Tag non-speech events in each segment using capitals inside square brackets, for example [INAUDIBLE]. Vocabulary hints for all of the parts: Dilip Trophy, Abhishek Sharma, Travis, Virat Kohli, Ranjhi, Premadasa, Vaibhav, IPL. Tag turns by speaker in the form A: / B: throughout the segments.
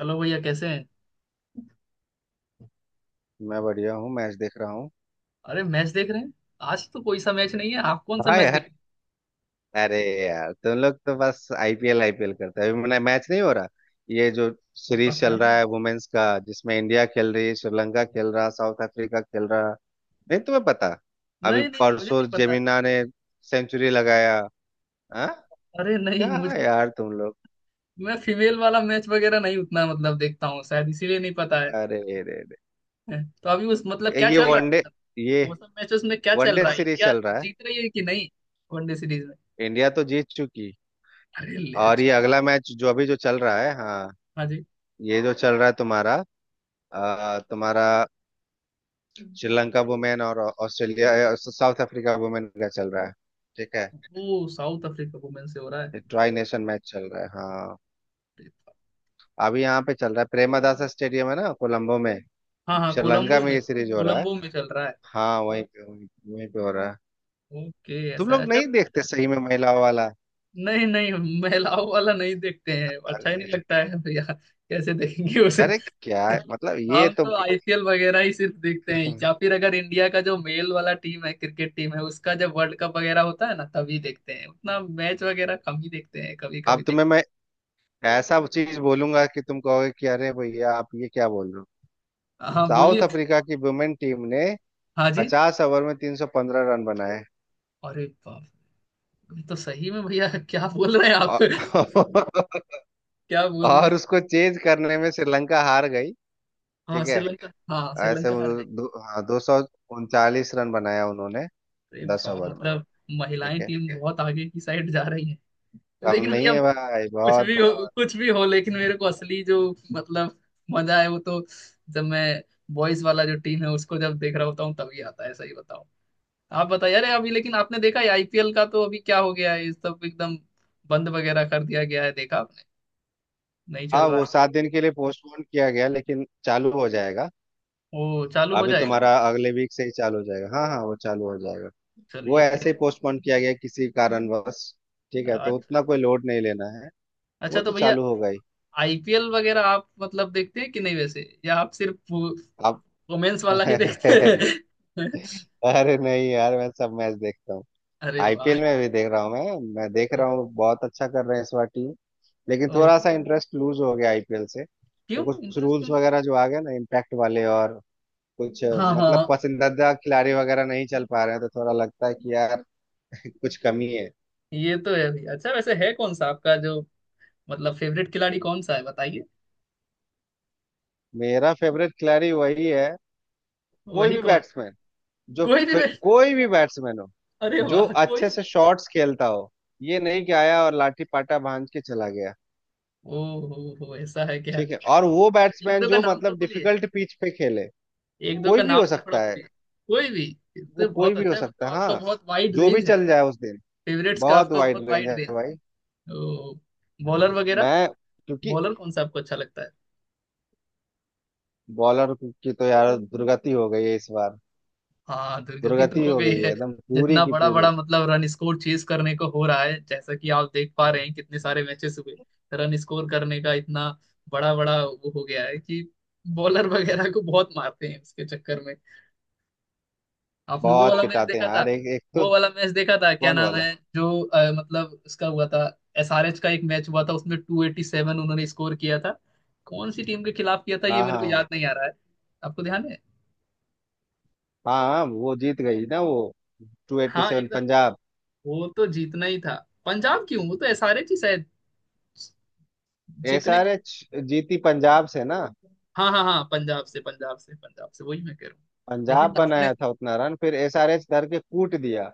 A: Hello भैया कैसे हैं।
B: मैं बढ़िया हूँ। मैच देख रहा हूँ।
A: अरे मैच देख रहे हैं। आज तो कोई सा मैच नहीं है, आप कौन सा
B: हाँ
A: मैच देख
B: यार।
A: रहे हैं।
B: अरे। यार तुम लोग तो बस आईपीएल आईपीएल करते हैं। अभी मैंने मैच नहीं हो रहा। ये जो
A: अब
B: सीरीज
A: पता
B: चल
A: नहीं।
B: रहा है वुमेन्स का, जिसमें इंडिया खेल रही है, श्रीलंका खेल रहा, साउथ अफ्रीका खेल रहा। नहीं, तुम्हें पता। अभी
A: नहीं नहीं, मुझे
B: परसों
A: नहीं पता।
B: जेमिना ने सेंचुरी लगाया। हाँ।
A: अरे नहीं
B: क्या
A: मुझे
B: यार तुम लोग।
A: नहीं। मैं फीमेल वाला मैच वगैरह नहीं उतना मतलब देखता हूँ, शायद इसीलिए नहीं पता है।
B: अरे। रे
A: तो अभी उस मतलब
B: रे
A: क्या
B: ये
A: चल रहा है,
B: वनडे।
A: मतलब
B: ये
A: वो सब मैचेस में क्या चल
B: वनडे
A: रहा है,
B: सीरीज
A: इंडिया
B: चल रहा है।
A: जीत रही है कि नहीं, वनडे सीरीज में।
B: इंडिया तो जीत चुकी।
A: अरे ले
B: और ये
A: जी।
B: अगला मैच जो अभी जो चल रहा है। हाँ।
A: हाँ जी।
B: ये जो चल रहा है तुम्हारा, तुम्हारा श्रीलंका वुमेन और ऑस्ट्रेलिया, साउथ अफ्रीका वुमेन का चल रहा है। ठीक है।
A: वो साउथ अफ्रीका वुमेन से हो रहा है।
B: ट्राई नेशन मैच चल रहा है। हाँ, अभी यहाँ पे चल रहा है। प्रेमदासा स्टेडियम है ना, कोलंबो में।
A: हाँ हाँ,
B: श्रीलंका
A: कोलंबो
B: में
A: में,
B: ये सीरीज हो रहा है।
A: कोलंबो में चल रहा है।
B: हाँ, वहीं पे हो रहा है।
A: ओके
B: तुम
A: ऐसा है।
B: लोग
A: अच्छा।
B: नहीं देखते सही में महिलाओं वाला?
A: नहीं नहीं, महिलाओं वाला नहीं देखते हैं, अच्छा ही नहीं
B: अरे
A: लगता है भैया, कैसे देखेंगे उसे।
B: अरे, क्या है? मतलब ये
A: हम
B: तो
A: तो आईपीएल वगैरह ही सिर्फ देखते हैं, या
B: [LAUGHS]
A: फिर अगर इंडिया का जो मेल वाला टीम है, क्रिकेट टीम है, उसका जब वर्ल्ड कप वगैरह होता है ना तभी देखते हैं, उतना मैच वगैरह कम ही देखते हैं, कभी कभी
B: अब
A: देख।
B: तुम्हें मैं ऐसा चीज बोलूंगा कि तुम कहोगे कि अरे भैया, आप ये क्या बोल रहे हो।
A: हाँ
B: साउथ
A: बोलिए।
B: अफ्रीका की वुमेन टीम ने
A: हाँ जी।
B: 50 ओवर में 315 रन बनाए।
A: अरे बाप रे, तो सही में भैया क्या बोल रहे हैं आप
B: औ-
A: [LAUGHS]
B: [LAUGHS]
A: क्या बोल रहे
B: और
A: हैं।
B: उसको चेज करने में श्रीलंका हार गई।
A: हाँ
B: ठीक है।
A: श्रीलंका, हाँ
B: ऐसे
A: श्रीलंका हार गई।
B: उन्होंने 249 रन बनाया उन्होंने
A: अरे
B: दस
A: वाह
B: ओवर में।
A: मतलब महिलाएं
B: ठीक है।
A: टीम बहुत आगे की साइड जा रही है।
B: कम
A: लेकिन
B: नहीं
A: भैया
B: है भाई,
A: कुछ
B: बहुत
A: भी हो,
B: बहुत।
A: कुछ भी हो, लेकिन मेरे को असली जो मतलब मजा है वो तो जब मैं बॉयज वाला जो टीम है उसको जब देख रहा होता हूँ तभी आता है, सही बताओ। आप बताइए, अरे अभी लेकिन आपने देखा है आईपीएल का तो अभी क्या हो गया है, ये सब एकदम बंद वगैरह कर दिया गया है, देखा आपने, नहीं चल
B: हाँ,
A: रहा
B: वो
A: है।
B: 7 दिन के लिए पोस्टपोन किया गया, लेकिन चालू हो जाएगा।
A: ओ चालू हो
B: अभी
A: जाएगा।
B: तुम्हारा अगले वीक से ही चालू हो जाएगा। हाँ हाँ, वो चालू हो जाएगा। वो
A: चलिए फिर।
B: ऐसे ही पोस्टपोन किया गया किसी कारणवश। ठीक है, तो
A: अच्छा
B: उतना कोई लोड नहीं लेना है।
A: अच्छा,
B: वो
A: तो
B: तो
A: भैया
B: चालू हो गई।
A: आईपीएल वगैरह आप मतलब देखते हैं कि नहीं वैसे, या आप सिर्फ
B: अब
A: वुमेन्स
B: [LAUGHS]
A: वाला ही देखते
B: अरे
A: हैं [LAUGHS]
B: नहीं यार, मैं सब मैच देखता हूँ।
A: अरे वाह।
B: आईपीएल में भी देख रहा हूँ। मैं देख
A: ओ,
B: रहा हूँ, बहुत अच्छा कर रहे हैं इस बार टीम। लेकिन
A: ओ,
B: थोड़ा सा इंटरेस्ट लूज हो गया आईपीएल से, तो
A: क्यों
B: कुछ
A: इंटरेस्ट।
B: रूल्स वगैरह जो आ गए ना इम्पैक्ट वाले, और कुछ
A: हाँ
B: मतलब
A: हाँ।
B: पसंदीदा खिलाड़ी वगैरह नहीं चल पा रहे हैं, तो थोड़ा लगता है कि यार [LAUGHS] कुछ कमी है।
A: ये तो है भाई, अच्छा वैसे है कौन सा आपका जो मतलब फेवरेट खिलाड़ी कौन सा है बताइए।
B: मेरा फेवरेट खिलाड़ी वही है, कोई
A: वही
B: भी
A: कौन।
B: बैट्समैन
A: कोई नहीं रे-।
B: कोई भी बैट्समैन हो
A: अरे
B: जो
A: वाह, कोई।
B: अच्छे से शॉट्स खेलता हो, ये नहीं कि आया और लाठी पाटा भांज के चला गया।
A: ओ हो ऐसा है क्या।
B: ठीक है। और वो
A: तो एक
B: बैट्समैन
A: दो का
B: जो
A: नाम तो
B: मतलब
A: बोलिए।
B: डिफिकल्ट पिच पे खेले।
A: एक दो
B: कोई
A: का
B: भी
A: नाम
B: हो
A: तो थोड़ा
B: सकता है।
A: बोलिए। कोई भी। ये
B: वो
A: तो
B: कोई
A: बहुत
B: भी हो
A: अच्छा है,
B: सकता
A: मतलब
B: है,
A: आपका
B: हाँ,
A: बहुत वाइड
B: जो भी
A: रेंज है।
B: चल जाए उस दिन।
A: फेवरेट्स का
B: बहुत
A: आपका
B: वाइड
A: बहुत
B: रेंज है
A: वाइड रेंज
B: भाई।
A: है। ओ। बॉलर वगैरह,
B: मैं क्योंकि
A: बॉलर कौन सा आपको अच्छा लगता है।
B: बॉलर की तो यार दुर्गति हो गई है इस बार।
A: हाँ दुर्गति तो
B: दुर्गति
A: हो
B: हो
A: गई
B: गई है
A: है।
B: एकदम पूरी
A: जितना
B: की
A: बड़ा बड़ा
B: पूरी।
A: मतलब रन स्कोर चेज करने को हो रहा है, जैसा कि आप देख पा रहे हैं कितने सारे मैचेस हुए, रन स्कोर करने का इतना बड़ा बड़ा वो हो गया है कि बॉलर वगैरह को बहुत मारते हैं उसके चक्कर में। आपने वो
B: बहुत
A: वाला मैच
B: पिटाते हैं
A: देखा था,
B: यार, एक एक तो।
A: वो वाला मैच देखा था, क्या
B: कौन
A: नाम
B: वाला?
A: है जो मतलब उसका हुआ था। एसआरएच का एक मैच हुआ था उसमें टू एटी सेवन उन्होंने स्कोर किया था। कौन सी टीम के खिलाफ किया था ये
B: हाँ
A: मेरे
B: हाँ
A: को
B: हाँ
A: याद नहीं आ रहा है, आपको ध्यान है।
B: हाँ। हाँ, वो जीत गई ना वो। टू एट्टी
A: हाँ
B: सेवन
A: एकदम,
B: पंजाब।
A: वो तो जीतना ही था। पंजाब क्यों, वो तो एसआरएच ही शायद जीतने।
B: एसआरएच जीती पंजाब से ना।
A: हाँ हाँ हाँ, पंजाब से, पंजाब से, पंजाब से, वही मैं कह रहा हूँ।
B: पंजाब
A: लेकिन आपने,
B: बनाया था उतना रन, फिर एसआरएच धर के कूट दिया।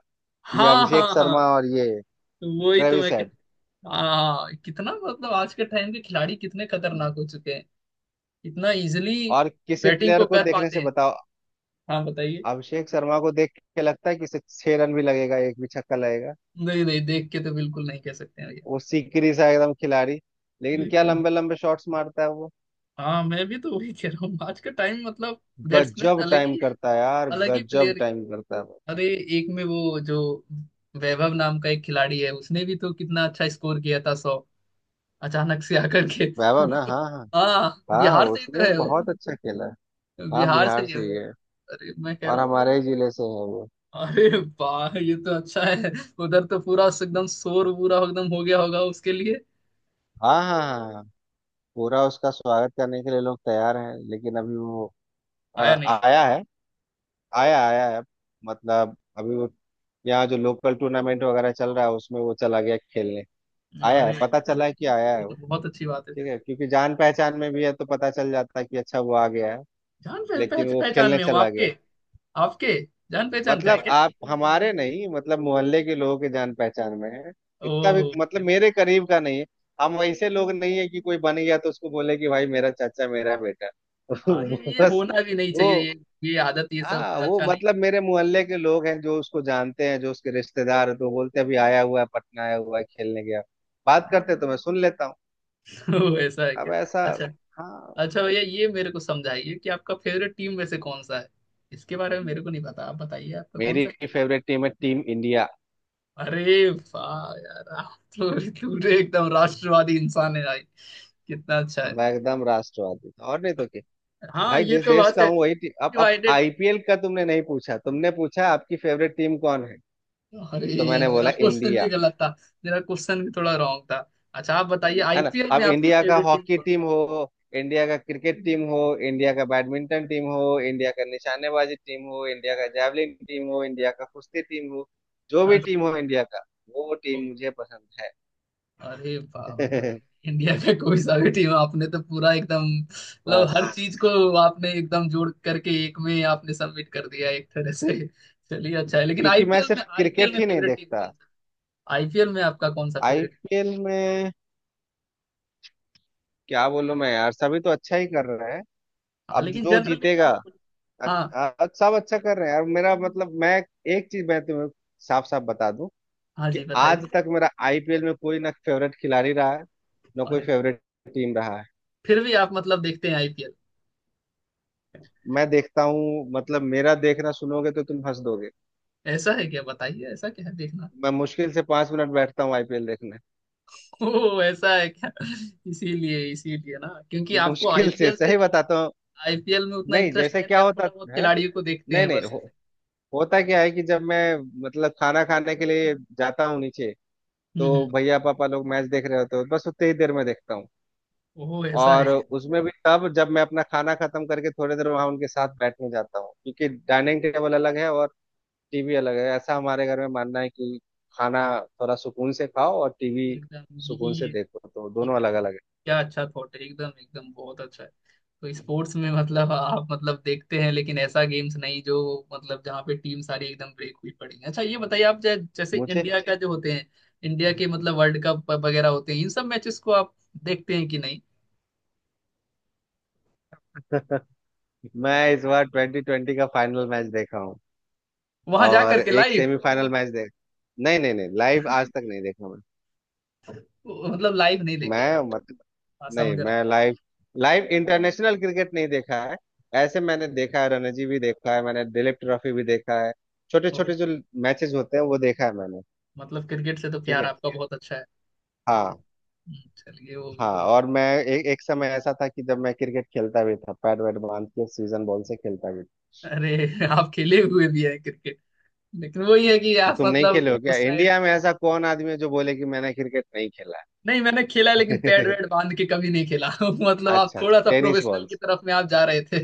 B: ये
A: हाँ
B: अभिषेक
A: हाँ हाँ,
B: शर्मा और ये
A: तो वही तो
B: ट्रेविस।
A: मैं कह। हाँ कितना मतलब आज के टाइम के खिलाड़ी कितने खतरनाक हो चुके हैं, इतना इजिली
B: और किसी
A: बैटिंग
B: प्लेयर
A: को
B: को
A: कर
B: देखने
A: पाते
B: से
A: हैं।
B: बताओ।
A: हाँ बताइए।
B: अभिषेक शर्मा को देख के लगता है कि इसे 6 रन भी लगेगा, एक भी छक्का लगेगा।
A: नहीं नहीं, देख के तो बिल्कुल नहीं कह सकते हैं भैया।
B: वो सिकरी सा एकदम खिलाड़ी, लेकिन क्या
A: एकदम।
B: लंबे लंबे शॉट्स मारता है वो।
A: हाँ मैं भी तो वही कह रहा हूँ, आज का टाइम मतलब बैट्समैन
B: गजब
A: अलग
B: टाइम
A: ही,
B: करता है यार,
A: अलग ही
B: गजब
A: प्लेयर।
B: टाइम करता है वो।
A: अरे एक में वो जो वैभव नाम का एक खिलाड़ी है उसने भी तो कितना अच्छा स्कोर किया था सौ, अचानक से आकर के।
B: वैभव?
A: वो
B: ना।
A: तो-।
B: हाँ हाँ।
A: हाँ
B: हाँ,
A: बिहार से ही तो
B: उसने
A: है वो,
B: बहुत अच्छा खेला है। हाँ,
A: बिहार से
B: बिहार
A: ही है
B: से ही
A: वो।
B: है।
A: अरे मैं कह
B: और
A: रहा हूँ,
B: हमारे ही जिले से है वो।
A: अरे वाह ये तो अच्छा है। उधर तो पूरा एकदम शोर पूरा एकदम हो गया होगा उसके लिए।
B: हाँ हाँ हाँ हाँ। पूरा उसका स्वागत करने के लिए लोग तैयार हैं, लेकिन अभी वो
A: आया नहीं।
B: आया है। आया आया है। मतलब अभी वो, यहाँ जो लोकल टूर्नामेंट वगैरह चल रहा है, उसमें वो चला गया खेलने। आया है,
A: अरे
B: पता चला है कि आया
A: ये
B: है वो।
A: तो बहुत अच्छी बात है
B: ठीक
A: फिर।
B: है, क्योंकि जान पहचान में भी है, तो पता चल जाता है कि अच्छा वो आ गया है।
A: जान पह, पह,
B: लेकिन वो
A: पहचान
B: खेलने
A: में हो
B: चला गया।
A: आपके। आपके जान पहचान का है
B: मतलब
A: क्या।
B: आप हमारे नहीं, मतलब मोहल्ले के लोगों के जान पहचान में है। इतना भी
A: ओहो।
B: मतलब मेरे करीब का नहीं है। हम वैसे लोग नहीं है कि कोई बन गया तो उसको बोले कि भाई मेरा चाचा, मेरा बेटा [LAUGHS]
A: हाँ ये
B: बस।
A: होना भी नहीं
B: वो।
A: चाहिए ये आदत ये
B: हाँ,
A: सब
B: वो
A: अच्छा नहीं।
B: मतलब मेरे मोहल्ले के लोग हैं जो उसको जानते हैं, जो उसके रिश्तेदार हैं, तो बोलते हैं, अभी आया हुआ है, पटना आया हुआ है, खेलने गया। बात
A: [LAUGHS]
B: करते तो मैं सुन लेता हूँ।
A: तो ऐसा है
B: अब
A: क्या।
B: ऐसा।
A: अच्छा।
B: हाँ।
A: अच्छा भैया ये मेरे को समझाइए कि आपका फेवरेट टीम में से कौन सा है, इसके बारे में मेरे को नहीं पता, आप बताइए आपका कौन
B: मेरी
A: सा।
B: फेवरेट टीम है टीम इंडिया।
A: अरे वाह यार, आप तो पूरे एकदम राष्ट्रवादी इंसान है भाई, कितना अच्छा है।
B: मैं एकदम राष्ट्रवादी, और नहीं तो क्या।
A: हाँ
B: भाई
A: ये
B: जिस
A: तो
B: देश
A: बात
B: का
A: है।
B: हूँ वही टीम। अब
A: डिवाइडेड।
B: आईपीएल का तुमने नहीं पूछा, तुमने पूछा आपकी फेवरेट टीम कौन है,
A: अरे
B: तो मैंने
A: मेरा
B: बोला
A: क्वेश्चन
B: इंडिया।
A: भी गलत था, मेरा क्वेश्चन भी थोड़ा रॉन्ग था। अच्छा आप बताइए
B: है ना।
A: आईपीएल में
B: अब
A: आपकी
B: इंडिया का
A: फेवरेट टीम
B: हॉकी
A: कौन
B: टीम
A: सा
B: हो, इंडिया का क्रिकेट टीम हो, इंडिया का बैडमिंटन टीम हो, इंडिया का निशानेबाजी टीम हो, इंडिया का जैवलिन टीम हो, इंडिया का कुश्ती टीम हो, जो
A: है।
B: भी
A: हाँ,
B: टीम हो इंडिया का, वो
A: तो
B: टीम मुझे पसंद
A: अरे वाह मतलब
B: है [LAUGHS]
A: इंडिया का कोई सा भी टीम, आपने तो पूरा एकदम मतलब
B: बस,
A: हर चीज को आपने एकदम जोड़ करके एक में आपने सबमिट कर दिया एक तरह से। चलिए अच्छा है, लेकिन
B: क्योंकि मैं
A: आईपीएल में,
B: सिर्फ
A: आईपीएल
B: क्रिकेट
A: में
B: ही नहीं
A: फेवरेट टीम
B: देखता।
A: कौन सा, आईपीएल में आपका कौन सा फेवरेट।
B: आईपीएल में क्या बोलूं मैं यार, सभी तो अच्छा ही कर रहे हैं।
A: हाँ
B: अब
A: लेकिन
B: जो
A: जनरली
B: जीतेगा।
A: आप। हाँ
B: अच्छा, सब अच्छा कर रहे हैं यार। मेरा मतलब, मैं एक चीज मैं तुम्हें साफ साफ बता दूं
A: हाँ
B: कि
A: जी बताइए।
B: आज तक मेरा आईपीएल में कोई ना फेवरेट खिलाड़ी रहा है, ना कोई
A: अरे
B: फेवरेट टीम रहा है।
A: फिर भी आप मतलब देखते हैं आईपीएल।
B: मैं देखता हूँ, मतलब मेरा देखना सुनोगे तो तुम हंस दोगे।
A: ऐसा है क्या, बताइए ऐसा क्या है देखना।
B: मैं मुश्किल से 5 मिनट बैठता हूँ आईपीएल देखने,
A: ओ ऐसा है क्या, इसीलिए इसीलिए ना, क्योंकि आपको
B: मुश्किल से,
A: आईपीएल
B: सही
A: से,
B: बताता हूँ।
A: आईपीएल में उतना
B: नहीं,
A: इंटरेस्ट
B: जैसे
A: है नहीं,
B: क्या
A: आप
B: होता
A: थोड़ा बहुत
B: है,
A: खिलाड़ियों को देखते
B: नहीं
A: हैं
B: नहीं
A: बस।
B: हो, होता क्या है कि जब मैं मतलब खाना खाने के लिए जाता हूँ नीचे,
A: हम्म।
B: तो भैया पापा लोग मैच देख रहे होते हो, बस उतनी ही देर में देखता हूँ।
A: वो ऐसा है
B: और
A: क्या?
B: उसमें भी तब, जब मैं अपना खाना खत्म करके थोड़ी देर वहां उनके साथ बैठने जाता हूँ। क्योंकि डाइनिंग टेबल अलग है और टीवी अलग है। ऐसा हमारे घर में मानना है कि खाना थोड़ा सुकून से खाओ और टीवी
A: एकदम,
B: सुकून से देखो, तो
A: ये-
B: दोनों अलग अलग है।
A: क्या अच्छा थॉट है, एकदम एकदम बहुत अच्छा है। तो स्पोर्ट्स में मतलब आप मतलब देखते हैं, लेकिन ऐसा गेम्स नहीं जो मतलब जहाँ पे टीम सारी एकदम ब्रेक हुई पड़ी है, अच्छा ये बताइए आप जैसे
B: मुझे
A: इंडिया का जो होते हैं इंडिया के मतलब वर्ल्ड कप वगैरह होते हैं, इन सब मैचेस को आप देखते हैं कि नहीं,
B: [LAUGHS] मैं इस बार ट्वेंटी ट्वेंटी का फाइनल मैच देखा हूँ
A: वहां जा
B: और
A: करके
B: एक
A: लाइव।
B: सेमीफाइनल मैच देख। नहीं नहीं नहीं, लाइव आज तक नहीं देखा मैं।
A: मतलब लाइव नहीं देखे हैं
B: मैं
A: आप,
B: मतलब,
A: ऐसा
B: नहीं,
A: मुझे
B: मैं लाइव लाइव इंटरनेशनल क्रिकेट नहीं देखा है। ऐसे मैंने देखा है, रणजी भी देखा है मैंने, दिलीप ट्रॉफी भी देखा है, छोटे
A: लगा।
B: छोटे जो मैचेस होते हैं, वो देखा है मैंने।
A: मतलब क्रिकेट से तो
B: ठीक
A: प्यार
B: है।
A: आपका बहुत अच्छा है।
B: हाँ
A: चलिए वो भी
B: हाँ।
A: बहुत
B: और
A: अच्छा।
B: मैं, एक एक समय ऐसा था कि जब मैं क्रिकेट खेलता भी था, पैड वैड बांध के सीजन बॉल से खेलता भी था।
A: अरे आप खेले हुए भी हैं, लेकिन वही है कि
B: तो
A: आप
B: तुम नहीं
A: मतलब
B: खेले हो क्या?
A: उस साइड
B: इंडिया में ऐसा कौन आदमी है जो बोले कि मैंने क्रिकेट नहीं खेला
A: नहीं। मैंने खेला, लेकिन पैड
B: है
A: वैड बांध के कभी नहीं खेला [LAUGHS] मतलब
B: [LAUGHS]
A: आप
B: अच्छा अच्छा,
A: थोड़ा सा
B: टेनिस
A: प्रोफेशनल
B: बॉल
A: की
B: से।
A: तरफ में आप जा रहे थे।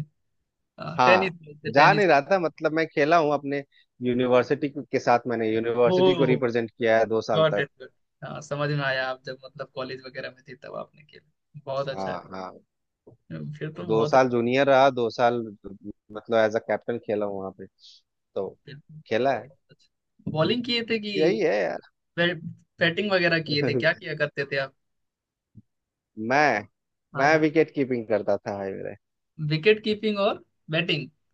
A: [LAUGHS] हाँ टेनिस
B: हाँ,
A: खेलते,
B: जा
A: टेनिस।
B: नहीं रहा था, मतलब मैं खेला हूँ अपने यूनिवर्सिटी के साथ। मैंने यूनिवर्सिटी को
A: ओ
B: रिप्रेजेंट किया है 2 साल
A: गॉट
B: तक।
A: इट गॉट, हाँ समझ में आया, आप जब मतलब कॉलेज वगैरह में थे तब आपने खेला, बहुत अच्छा
B: हाँ
A: है,
B: हाँ।
A: फिर तो
B: दो
A: बहुत अच्छा
B: साल जूनियर रहा, 2 साल मतलब एज अ कैप्टन खेला हूँ वहाँ पे। तो
A: खेलते हैं।
B: खेला है।
A: बहुत अच्छा बॉलिंग किए थे
B: यही
A: कि
B: है यार
A: बै- बैटिंग वगैरह किए थे, क्या
B: [LAUGHS]
A: किया करते थे आप।
B: मैं
A: हाँ
B: मैं
A: जी।
B: विकेट कीपिंग करता था भाई मेरे,
A: विकेट कीपिंग और बैटिंग,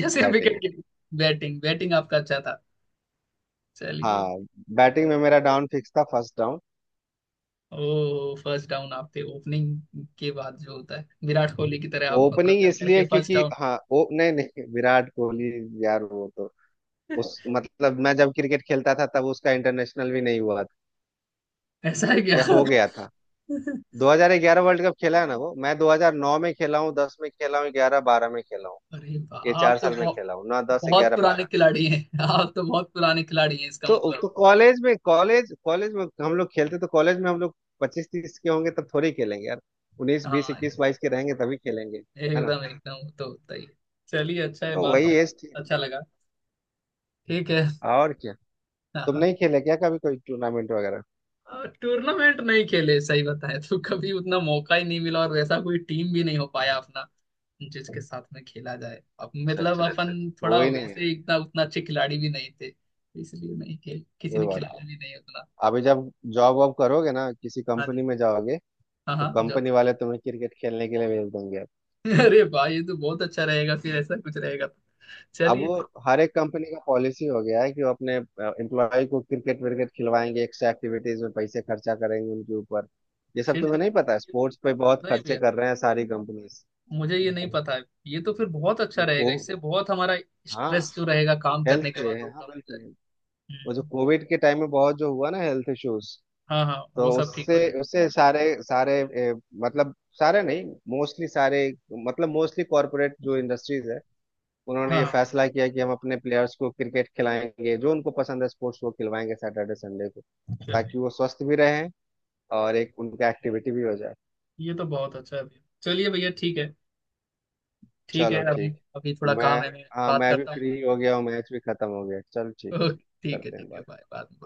A: [LAUGHS] या सिर्फ wicket
B: batting.
A: Keeping, batting batting आपका अच्छा था। चलिए।
B: हाँ, बैटिंग में मेरा डाउन फिक्स था, फर्स्ट डाउन,
A: ओ फर्स्ट डाउन, आपके ओपनिंग के बाद जो होता है विराट कोहली की तरह आप मतलब
B: ओपनिंग।
A: जाकर
B: इसलिए
A: के फर्स्ट
B: क्योंकि
A: डाउन।
B: हाँ, ओ नहीं नहीं, विराट कोहली यार वो तो,
A: [LAUGHS]
B: उस मतलब, मैं जब क्रिकेट खेलता था तब उसका इंटरनेशनल भी नहीं हुआ था,
A: ऐसा है क्या।
B: या हो
A: [LAUGHS]
B: गया था। 2011 वर्ल्ड कप खेला है ना वो, मैं 2009 में खेला हूँ, 10 में खेला हूँ, 11 12 में खेला हूँ।
A: अरे वाह,
B: ये
A: आप
B: चार
A: तो
B: साल में
A: बहुत
B: खेला हूँ ना, 10
A: बहुत
B: 11
A: पुराने
B: 12।
A: खिलाड़ी हैं [LAUGHS] आप तो बहुत पुराने खिलाड़ी हैं इसका
B: तो
A: मतलब।
B: तो कॉलेज में, कॉलेज कॉलेज में हम लोग खेलते, तो कॉलेज में हम लोग 25-30 के होंगे तब थोड़ी खेलेंगे यार, उन्नीस बीस
A: हाँ
B: इक्कीस बाईस के रहेंगे तभी खेलेंगे। है ना,
A: एकदम एकदम वो तो होता ही है। चलिए अच्छा है,
B: तो
A: बात
B: वही
A: करके
B: एज थी।
A: अच्छा लगा, ठीक है।
B: और क्या, तुम
A: हाँ,
B: नहीं खेले क्या कभी कोई टूर्नामेंट वगैरह?
A: टूर्नामेंट नहीं खेले, सही बताएं तो कभी उतना मौका ही नहीं मिला और वैसा कोई टीम भी नहीं हो पाया अपना जिसके साथ में खेला जाए, अब
B: अच्छा
A: मतलब
B: अच्छा अच्छा,
A: अपन
B: वो
A: थोड़ा
B: ही नहीं है।
A: वैसे इतना उतना अच्छे खिलाड़ी भी नहीं थे, इसलिए नहीं खेल किसी
B: कोई
A: ने
B: बात नहीं,
A: खिलाया भी नहीं उतना।
B: अभी जब जॉब वॉब करोगे ना, किसी
A: हाँ
B: कंपनी
A: जी,
B: में जाओगे,
A: हाँ
B: तो
A: हाँ जो।
B: कंपनी वाले तुम्हें क्रिकेट खेलने के लिए भेज देंगे।
A: [LAUGHS] अरे भाई ये तो बहुत अच्छा रहेगा फिर, ऐसा कुछ रहेगा तो।
B: अब
A: चलिए
B: वो हर एक कंपनी का पॉलिसी हो गया है कि वो अपने एम्प्लॉय को क्रिकेट विकेट खिलवाएंगे, एक्स्ट्रा एक्टिविटीज में पैसे खर्चा करेंगे उनके ऊपर। ये सब
A: फिर तो।
B: तुम्हें नहीं पता है, स्पोर्ट्स पे बहुत
A: नहीं
B: खर्चे
A: भैया
B: कर रहे हैं सारी कंपनीज
A: मुझे ये नहीं पता है, ये तो फिर बहुत अच्छा
B: को।
A: रहेगा, इससे बहुत हमारा स्ट्रेस
B: हाँ
A: जो रहेगा काम
B: हेल्थ
A: करने के
B: के
A: बाद वो
B: है, हाँ
A: कम हो जाएगा।
B: बिल्कुल। वो जो
A: हम्म,
B: कोविड के टाइम में बहुत जो हुआ ना हेल्थ इश्यूज,
A: हाँ हाँ
B: तो
A: वो सब ठीक
B: उससे
A: हो जाएगा।
B: उससे सारे सारे ए, मतलब सारे नहीं, मोस्टली सारे, मतलब मोस्टली कॉरपोरेट जो इंडस्ट्रीज है, उन्होंने
A: हाँ
B: ये
A: हाँ,
B: फैसला किया कि हम अपने प्लेयर्स को क्रिकेट खिलाएंगे, जो उनको पसंद है स्पोर्ट्स वो खिलवाएंगे सैटरडे संडे को,
A: चलिए
B: ताकि वो स्वस्थ भी रहें और एक उनका एक्टिविटी भी हो जाए।
A: ये तो बहुत अच्छा है भैया, चलिए भैया ठीक है, ठीक
B: चलो
A: है अभी,
B: ठीक।
A: अभी थोड़ा
B: मैं,
A: काम है मैं
B: हाँ,
A: बात
B: मैं भी
A: करता हूँ बाद
B: फ्री हो
A: में।
B: गया हूँ, मैच भी खत्म हो गया। चलो, ठीक,
A: ओके
B: करते हैं
A: ठीक है
B: बात।
A: बाय, बाद में।